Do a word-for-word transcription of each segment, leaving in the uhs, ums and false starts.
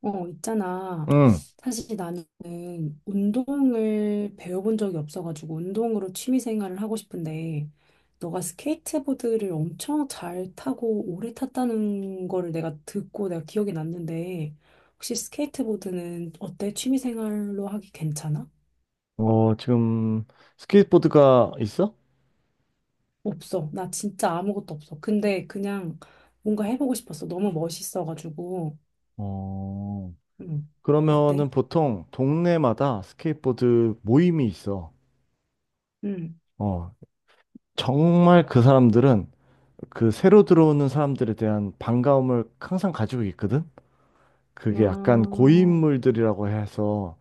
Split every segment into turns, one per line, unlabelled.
어, 있잖아.
응.
사실 나는 운동을 배워본 적이 없어가지고 운동으로 취미 생활을 하고 싶은데 너가 스케이트보드를 엄청 잘 타고 오래 탔다는 거를 내가 듣고 내가 기억이 났는데 혹시 스케이트보드는 어때? 취미 생활로 하기 괜찮아?
어, 지금 스케이트보드가 있어?
없어. 나 진짜 아무것도 없어. 근데 그냥 뭔가 해보고 싶었어. 너무 멋있어가지고.
어,
응. 어때?
그러면은 보통 동네마다 스케이트보드 모임이 있어.
응.
어, 정말 그 사람들은 그 새로 들어오는 사람들에 대한 반가움을 항상 가지고 있거든? 그게 약간
아,
고인물들이라고 해서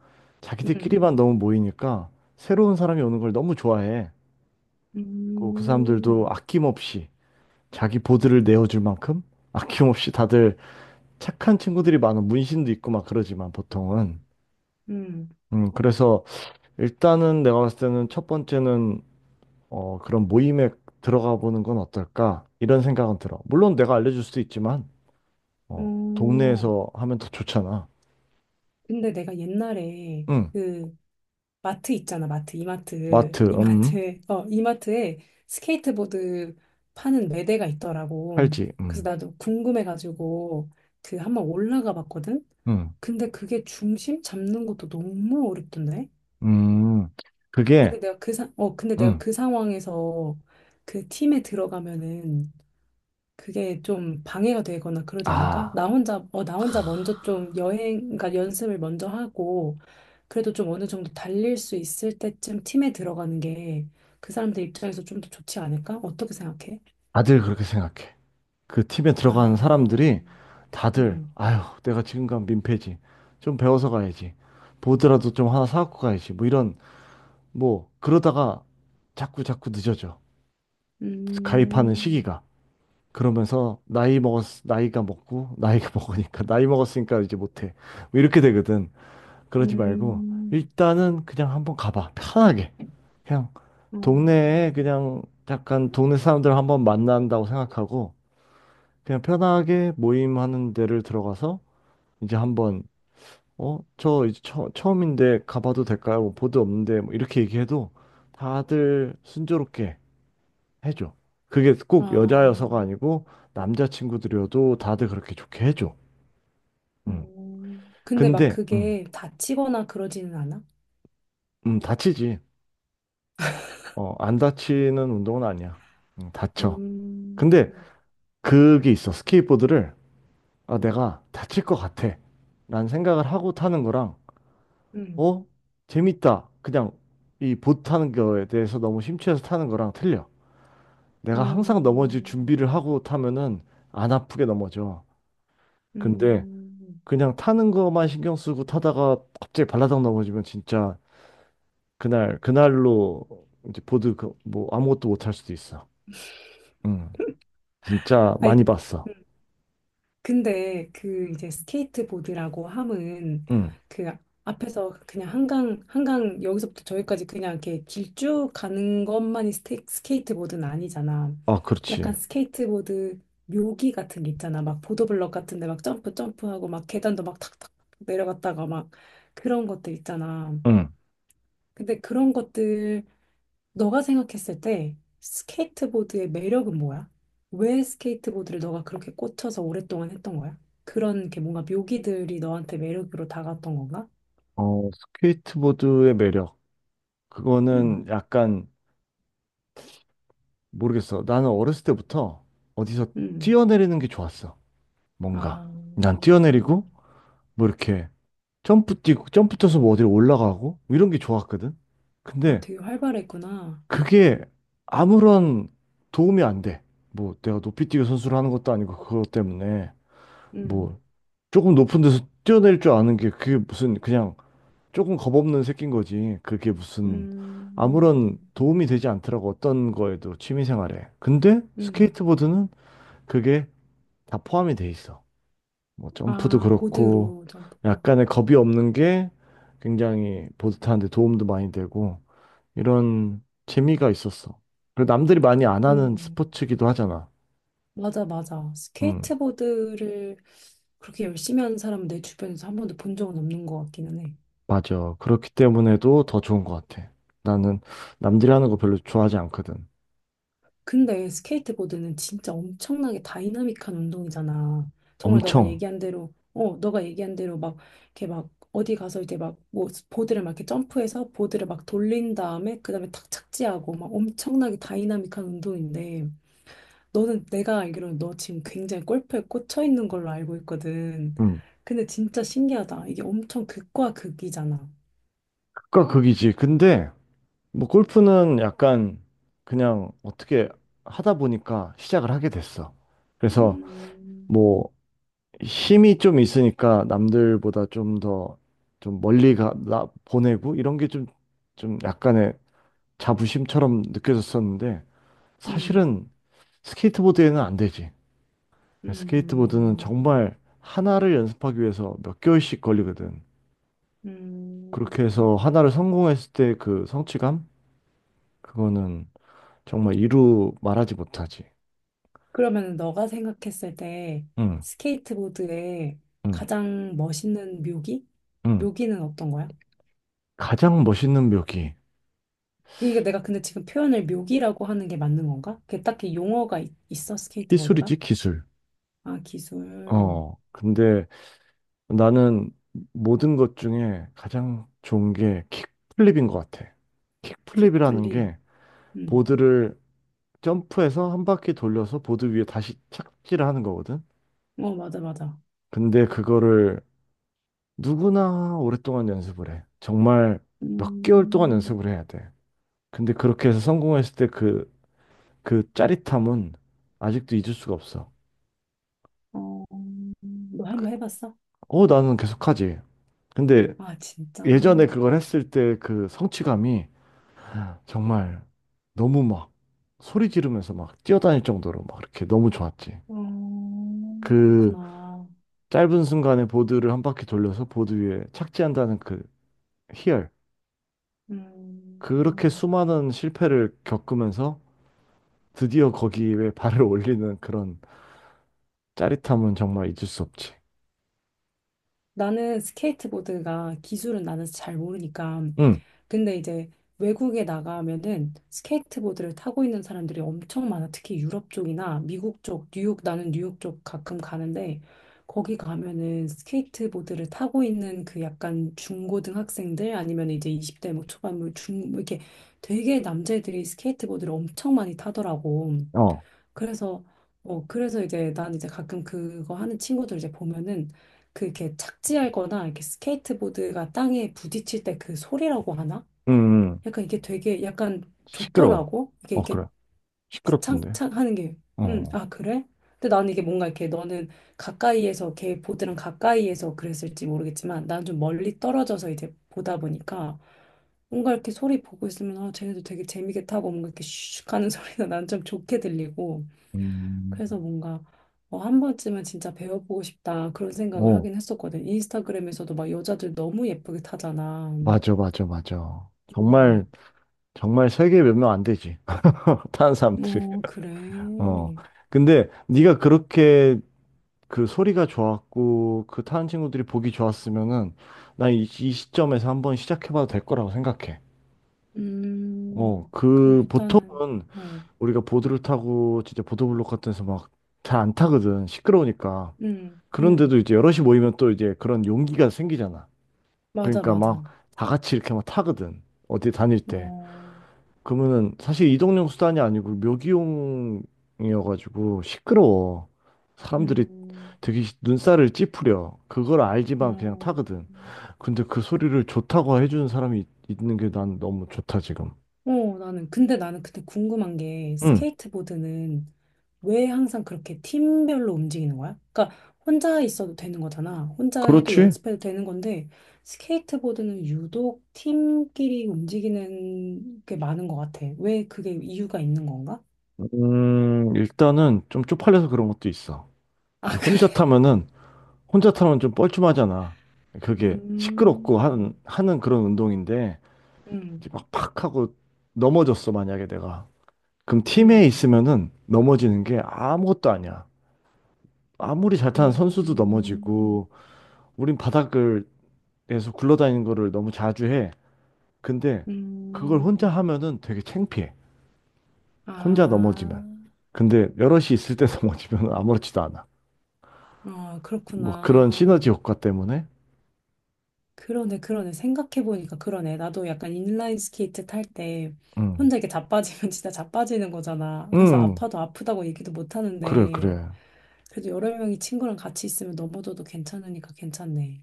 응.
자기들끼리만 너무 모이니까 새로운 사람이 오는 걸 너무 좋아해. 그리고 그 사람들도
음.
아낌없이 자기 보드를 내어줄 만큼 아낌없이 다들 착한 친구들이 많은 문신도 있고 막 그러지만 보통은
음,
음 그래서 일단은 내가 봤을 때는 첫 번째는 어 그런 모임에 들어가 보는 건 어떨까 이런 생각은 들어. 물론 내가 알려줄 수도 있지만 어
어,
동네에서 하면 더 좋잖아.
근데 내가 옛날에
음.
그 마트 있잖아, 마트, 이마트,
마트. 음.
이마트, 어, 이마트에 스케이트보드 파는 매대가 있더라고.
팔찌.
그래서 나도 궁금해가지고 그 한번 올라가 봤거든? 근데 그게 중심 잡는 것도 너무 어렵던데?
음음음. 그게.
근데 내가 그 사, 어, 근데 내가 그 상황에서 그 팀에 들어가면은 그게 좀 방해가 되거나 그러지 않을까?
음아.
나 혼자, 어, 나 혼자 먼저 좀 여행, 그러니까 연습을 먼저 하고, 그래도 좀 어느 정도 달릴 수 있을 때쯤 팀에 들어가는 게 그 사람들 입장에서 좀 더 좋지 않을까? 어떻게 생각해?
다들 그렇게 생각해. 그 팀에 들어간
아,
사람들이 다들,
음,
아유 내가 지금 간 민폐지, 좀 배워서 가야지, 보드라도 좀 하나 사갖고 가야지, 뭐 이런, 뭐 그러다가 자꾸 자꾸 늦어져. 가입하는
음,
시기가. 그러면서 나이 먹었 나이가 먹고 나이가 먹으니까 나이 먹었으니까 이제 못해, 뭐 이렇게 되거든. 그러지 말고
음,
일단은 그냥 한번 가봐. 편하게 그냥 동네에
음,
그냥 약간 동네 사람들 한번 만난다고 생각하고 그냥 편하게 모임하는 데를 들어가서 이제 한번, 어, 저 이제 처, 처음인데 가봐도 될까요? 뭐 보드 없는데, 뭐 이렇게 얘기해도 다들 순조롭게 해줘. 그게 꼭
아,
여자여서가 아니고 남자 친구들이어도 다들 그렇게 좋게 해줘. 음.
음. 근데 막
근데 음,
그게 다치거나 그러지는 않아?
음, 다치지. 어, 안 다치는 운동은 아니야. 음, 다쳐.
음,
근데 그게 있어. 스케이트보드를, 아, 내가 다칠 것 같아, 라는 생각을 하고 타는 거랑,
음,
어? 재밌다, 그냥 이 보트 타는 거에 대해서 너무 심취해서 타는 거랑 틀려. 내가 항상 넘어질
음,
준비를 하고 타면은 안 아프게 넘어져. 근데
음.
그냥 타는 거만 신경 쓰고 타다가 갑자기 발라당 넘어지면 진짜 그날 그날로 이제 보드 그 뭐 아무것도 못할 수도 있어. 응. 진짜 많이
아니,
봤어.
음, 근데 그 이제 스케이트보드라고 함은
응.
그 앞에서 그냥 한강, 한강 여기서부터 저기까지 그냥 이렇게 길쭉 가는 것만이 스테, 스케이트보드는 아니잖아.
아,
약간
그렇지.
스케이트보드 묘기 같은 게 있잖아. 막 보도블럭 같은 데 막 점프 점프하고 막 계단도 막 탁탁 내려갔다가 막 그런 것들 있잖아.
응.
근데 그런 것들 너가 생각했을 때 스케이트보드의 매력은 뭐야? 왜 스케이트보드를 너가 그렇게 꽂혀서 오랫동안 했던 거야? 그런 게 뭔가 묘기들이 너한테 매력으로 다가왔던 건가?
어, 스케이트보드의 매력.
응,
그거는 약간 모르겠어. 나는 어렸을 때부터 어디서
응.
뛰어내리는 게 좋았어. 뭔가.
아,
난 뛰어내리고, 뭐 이렇게 점프 뛰고, 점프 뛰어서 뭐 어디로 올라가고, 뭐 이런 게 좋았거든.
아,
근데
되게 활발했구나.
그게 아무런 도움이 안 돼. 뭐 내가 높이 뛰기 선수를 하는 것도 아니고, 그것 때문에
응,
뭐 조금 높은 데서 뛰어낼 줄 아는 게 그게 무슨 그냥 조금 겁없는 새끼인 거지. 그게 무슨
음,
아무런 도움이 되지 않더라고. 어떤 거에도. 취미생활에. 근데
응.
스케이트보드는 그게 다 포함이 돼 있어. 뭐 점프도
아,
그렇고
보드로 점프하고.
약간의 겁이 없는 게 굉장히 보드타는데 도움도 많이 되고, 이런 재미가 있었어. 그리고 남들이 많이 안 하는
그러네.
스포츠기도 하잖아.
맞아, 맞아.
음,
스케이트보드를 그렇게 열심히 하는 사람은 내 주변에서 한 번도 본 적은 없는 것 같기는 해.
맞아. 그렇기 때문에도 더 좋은 것 같아. 나는 남들이 하는 거 별로 좋아하지 않거든.
근데 스케이트보드는 진짜 엄청나게 다이나믹한 운동이잖아. 정말 너가
엄청.
얘기한 대로, 어, 너가 얘기한 대로 막, 이렇게 막, 어디 가서 이렇게 막, 뭐, 보드를 막 이렇게 점프해서 보드를 막 돌린 다음에, 그 다음에 탁 착지하고, 막 엄청나게 다이나믹한 운동인데, 너는 내가 알기로는 너 지금 굉장히 골프에 꽂혀 있는 걸로 알고 있거든.
음,
근데 진짜 신기하다. 이게 엄청 극과 극이잖아.
극과 극이지. 근데 뭐 골프는 약간 그냥 어떻게 하다 보니까 시작을 하게 됐어. 그래서
음,
뭐 힘이 좀 있으니까 남들보다 좀 더 좀 멀리 가, 나, 보내고 이런 게 좀, 좀 약간의 자부심처럼 느껴졌었는데
음,
사실은 스케이트보드에는 안 되지. 스케이트보드는
음,
정말 하나를 연습하기 위해서 몇 개월씩 걸리거든. 그렇게 해서
음.
하나를 성공했을 때 그 성취감? 그거는 정말 이루 말하지 못하지.
그러면 너가 생각했을 때
응,
스케이트보드의
응,
가장 멋있는 묘기?
응.
묘기는 어떤 거야?
가장 멋있는 묘기.
이게 내가 근데 지금 표현을 묘기라고 하는 게 맞는 건가? 그게 딱히 용어가 있, 있어, 스케이트보드가?
기술이지, 기술.
아, 기술,
어, 근데 나는 모든 것 중에 가장 좋은 게 킥플립인 것 같아. 킥플립이라는
킥플립.
게
음.
보드를 점프해서 한 바퀴 돌려서 보드 위에 다시 착지를 하는 거거든.
어, 맞아, 맞아.
근데 그거를 누구나 오랫동안 연습을 해. 정말 몇 개월 동안
음,
연습을 해야 돼. 근데 그렇게 해서 성공했을 때 그, 그 짜릿함은 아직도 잊을 수가 없어.
어, 너 한번 해봤어?
어, 나는 계속하지. 근데
아, 진짜?
예전에
어,
그걸 했을 때 그 성취감이 정말 너무 막 소리 지르면서 막 뛰어다닐 정도로 막 이렇게 너무 좋았지. 그
그렇구나.
짧은 순간에 보드를 한 바퀴 돌려서 보드 위에 착지한다는 그 희열.
음.
그렇게
음.
수많은 실패를 겪으면서 드디어 거기에 발을 올리는 그런 짜릿함은 정말 잊을 수 없지.
나는 스케이트보드가 기술은 나는 잘 모르니까
응,
근데 이제 외국에 나가면은 스케이트보드를 타고 있는 사람들이 엄청 많아. 특히 유럽 쪽이나 미국 쪽, 뉴욕, 나는 뉴욕 쪽 가끔 가는데 거기 가면은 스케이트보드를 타고 있는 그 약간 중고등학생들 아니면 이제 이십 대 뭐 초반 뭐 중, 뭐 이렇게 되게 남자애들이 스케이트보드를 엄청 많이 타더라고.
어,
그래서 어, 그래서 이제 난 이제 가끔 그거 하는 친구들 이제 보면은 그 이렇게 착지하거나 이렇게 스케이트보드가 땅에 부딪힐 때 그 소리라고 하나?
응, 응.
약간 이게 되게 약간
시끄러워.
좋더라고. 이게
어,
이렇게
그래. 시끄럽던데.
창창 하는 게, 음,
어,
아, 그래? 근데 나는 이게 뭔가 이렇게 너는 가까이에서 걔 보드랑 가까이에서 그랬을지 모르겠지만 난 좀 멀리 떨어져서 이제 보다 보니까 뭔가 이렇게 소리 보고 있으면 아, 쟤네도 되게 재미있게 타고 뭔가 이렇게 슉 하는 소리가 난 좀 좋게 들리고
음,
그래서 뭔가 어, 한 번쯤은 진짜 배워보고 싶다 그런 생각을
어,
하긴 했었거든. 인스타그램에서도 막 여자들 너무 예쁘게 타잖아.
맞아, 맞아, 맞아. 정말,
음.
정말 세계 몇 명 안 되지. 다는 사람들이.
어,
어.
그래.
근데 네가 그렇게 그 소리가 좋았고 그 타는 친구들이 보기 좋았으면은 난 이 시점에서 한번 시작해봐도 될 거라고 생각해. 어,
음, 그럼
그
일단은,
보통은
어,
우리가 보드를 타고 진짜 보도블록 같은 데서 막 잘 안 타거든. 시끄러우니까.
음,
그런데도
음,
이제 여럿이 모이면 또 이제 그런 용기가 생기잖아.
맞아,
그러니까 막
맞아.
다 같이 이렇게 막 타거든. 어디 다닐 때.
어,
그러면은 사실 이동용 수단이 아니고 묘기용이어가지고 시끄러워. 사람들이
음,
되게 눈살을 찌푸려. 그걸 알지만 그냥
어,
타거든. 근데 그 소리를 좋다고 해주는 사람이 있- 있는 게 난 너무 좋다, 지금.
어, 나는, 근데 나는 그때 궁금한 게,
응,
스케이트보드는 왜 항상 그렇게 팀별로 움직이는 거야? 그러니까, 혼자 있어도 되는 거잖아. 혼자 해도
그렇지.
연습해도 되는 건데, 스케이트보드는 유독 팀끼리 움직이는 게 많은 것 같아. 왜 그게 이유가 있는 건가?
음, 일단은 좀 쪽팔려서 그런 것도 있어. 이제
아,
혼자
그래.
타면은, 혼자 타면 좀 뻘쭘하잖아. 그게
음,
시끄럽고 하는, 하는 그런 운동인데,
음,
이제 막 팍 하고 넘어졌어, 만약에 내가. 그럼
음.
팀에 있으면은 넘어지는 게 아무것도 아니야. 아무리 잘 타는 선수도
음,
넘어지고, 우린 바닥을에서 굴러다니는 거를 너무 자주 해. 근데 그걸 혼자
음,
하면은 되게 창피해. 혼자
아,
넘어지면. 근데 여럿이 있을 때 넘어지면 아무렇지도 않아.
어,
뭐 그런
그렇구나.
시너지 효과 때문에.
그러네, 그러네. 생각해보니까 그러네. 나도 약간 인라인 스케이트 탈 때
음.
혼자 이렇게 자빠지면 진짜 자빠지는 거잖아. 그래서
음.
아파도 아프다고 얘기도 못
그래,
하는데,
그래.
그래도 여러 명이 친구랑 같이 있으면 넘어져도 괜찮으니까 괜찮네.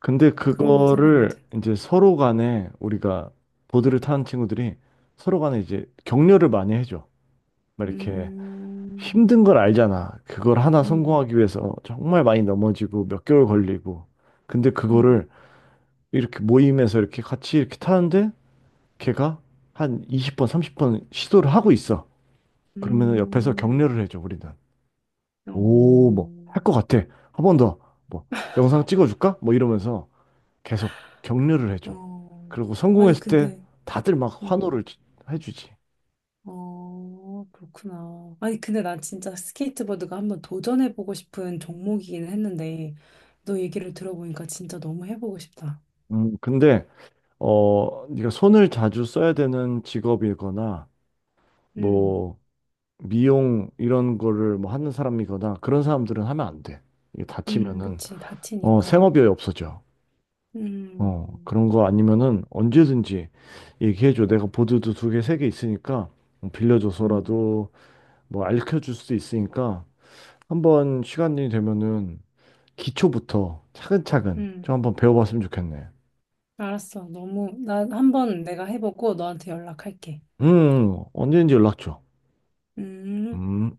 근데
그런 걸 생각 못 해.
그거를 이제 서로 간에 우리가 보드를 타는 친구들이 서로 간에 이제 격려를 많이 해줘. 막 이렇게
음,
힘든 걸 알잖아. 그걸 하나
음,
성공하기 위해서 정말 많이 넘어지고 몇 개월 걸리고. 근데
음,
그거를 이렇게 모임에서 이렇게 같이 이렇게 타는데 걔가 한 이십 번, 삼십 번 시도를 하고 있어. 그러면은 옆에서
음,
격려를 해줘, 우리는. 오,
어,
뭐, 할 것 같아. 한 번 더, 뭐, 영상 찍어줄까? 뭐 이러면서 계속 격려를 해줘.
어.
그리고
아니,
성공했을 때
근데,
다들 막
음.
환호를 지- 해주지.
어, 그렇구나. 아니, 근데 난 진짜 스케이트보드가 한번 도전해보고 싶은 종목이긴 했는데, 너 얘기를 들어보니까 진짜 너무 해보고 싶다.
음, 근데, 어, 네가 손을 자주 써야 되는 직업이거나
음,
뭐 미용 이런 거를 뭐 하는 사람이거나 그런 사람들은 하면 안 돼. 이게
음,
다치면은
그치.
어
다치니까.
생업이 없어져. 어
음,
그런 거 아니면은 언제든지 얘기해줘. 내가 보드도 두 개, 세 개 있으니까 뭐
음,
빌려줘서라도 뭐 알려줄 수도 있으니까 한번 시간이 되면은 기초부터 차근차근 좀
음.
한번 배워봤으면 좋겠네.
알았어. 너무, 나 한번 내가 해보고 너한테 연락할게.
음 언제든지 연락 줘.
음.
음.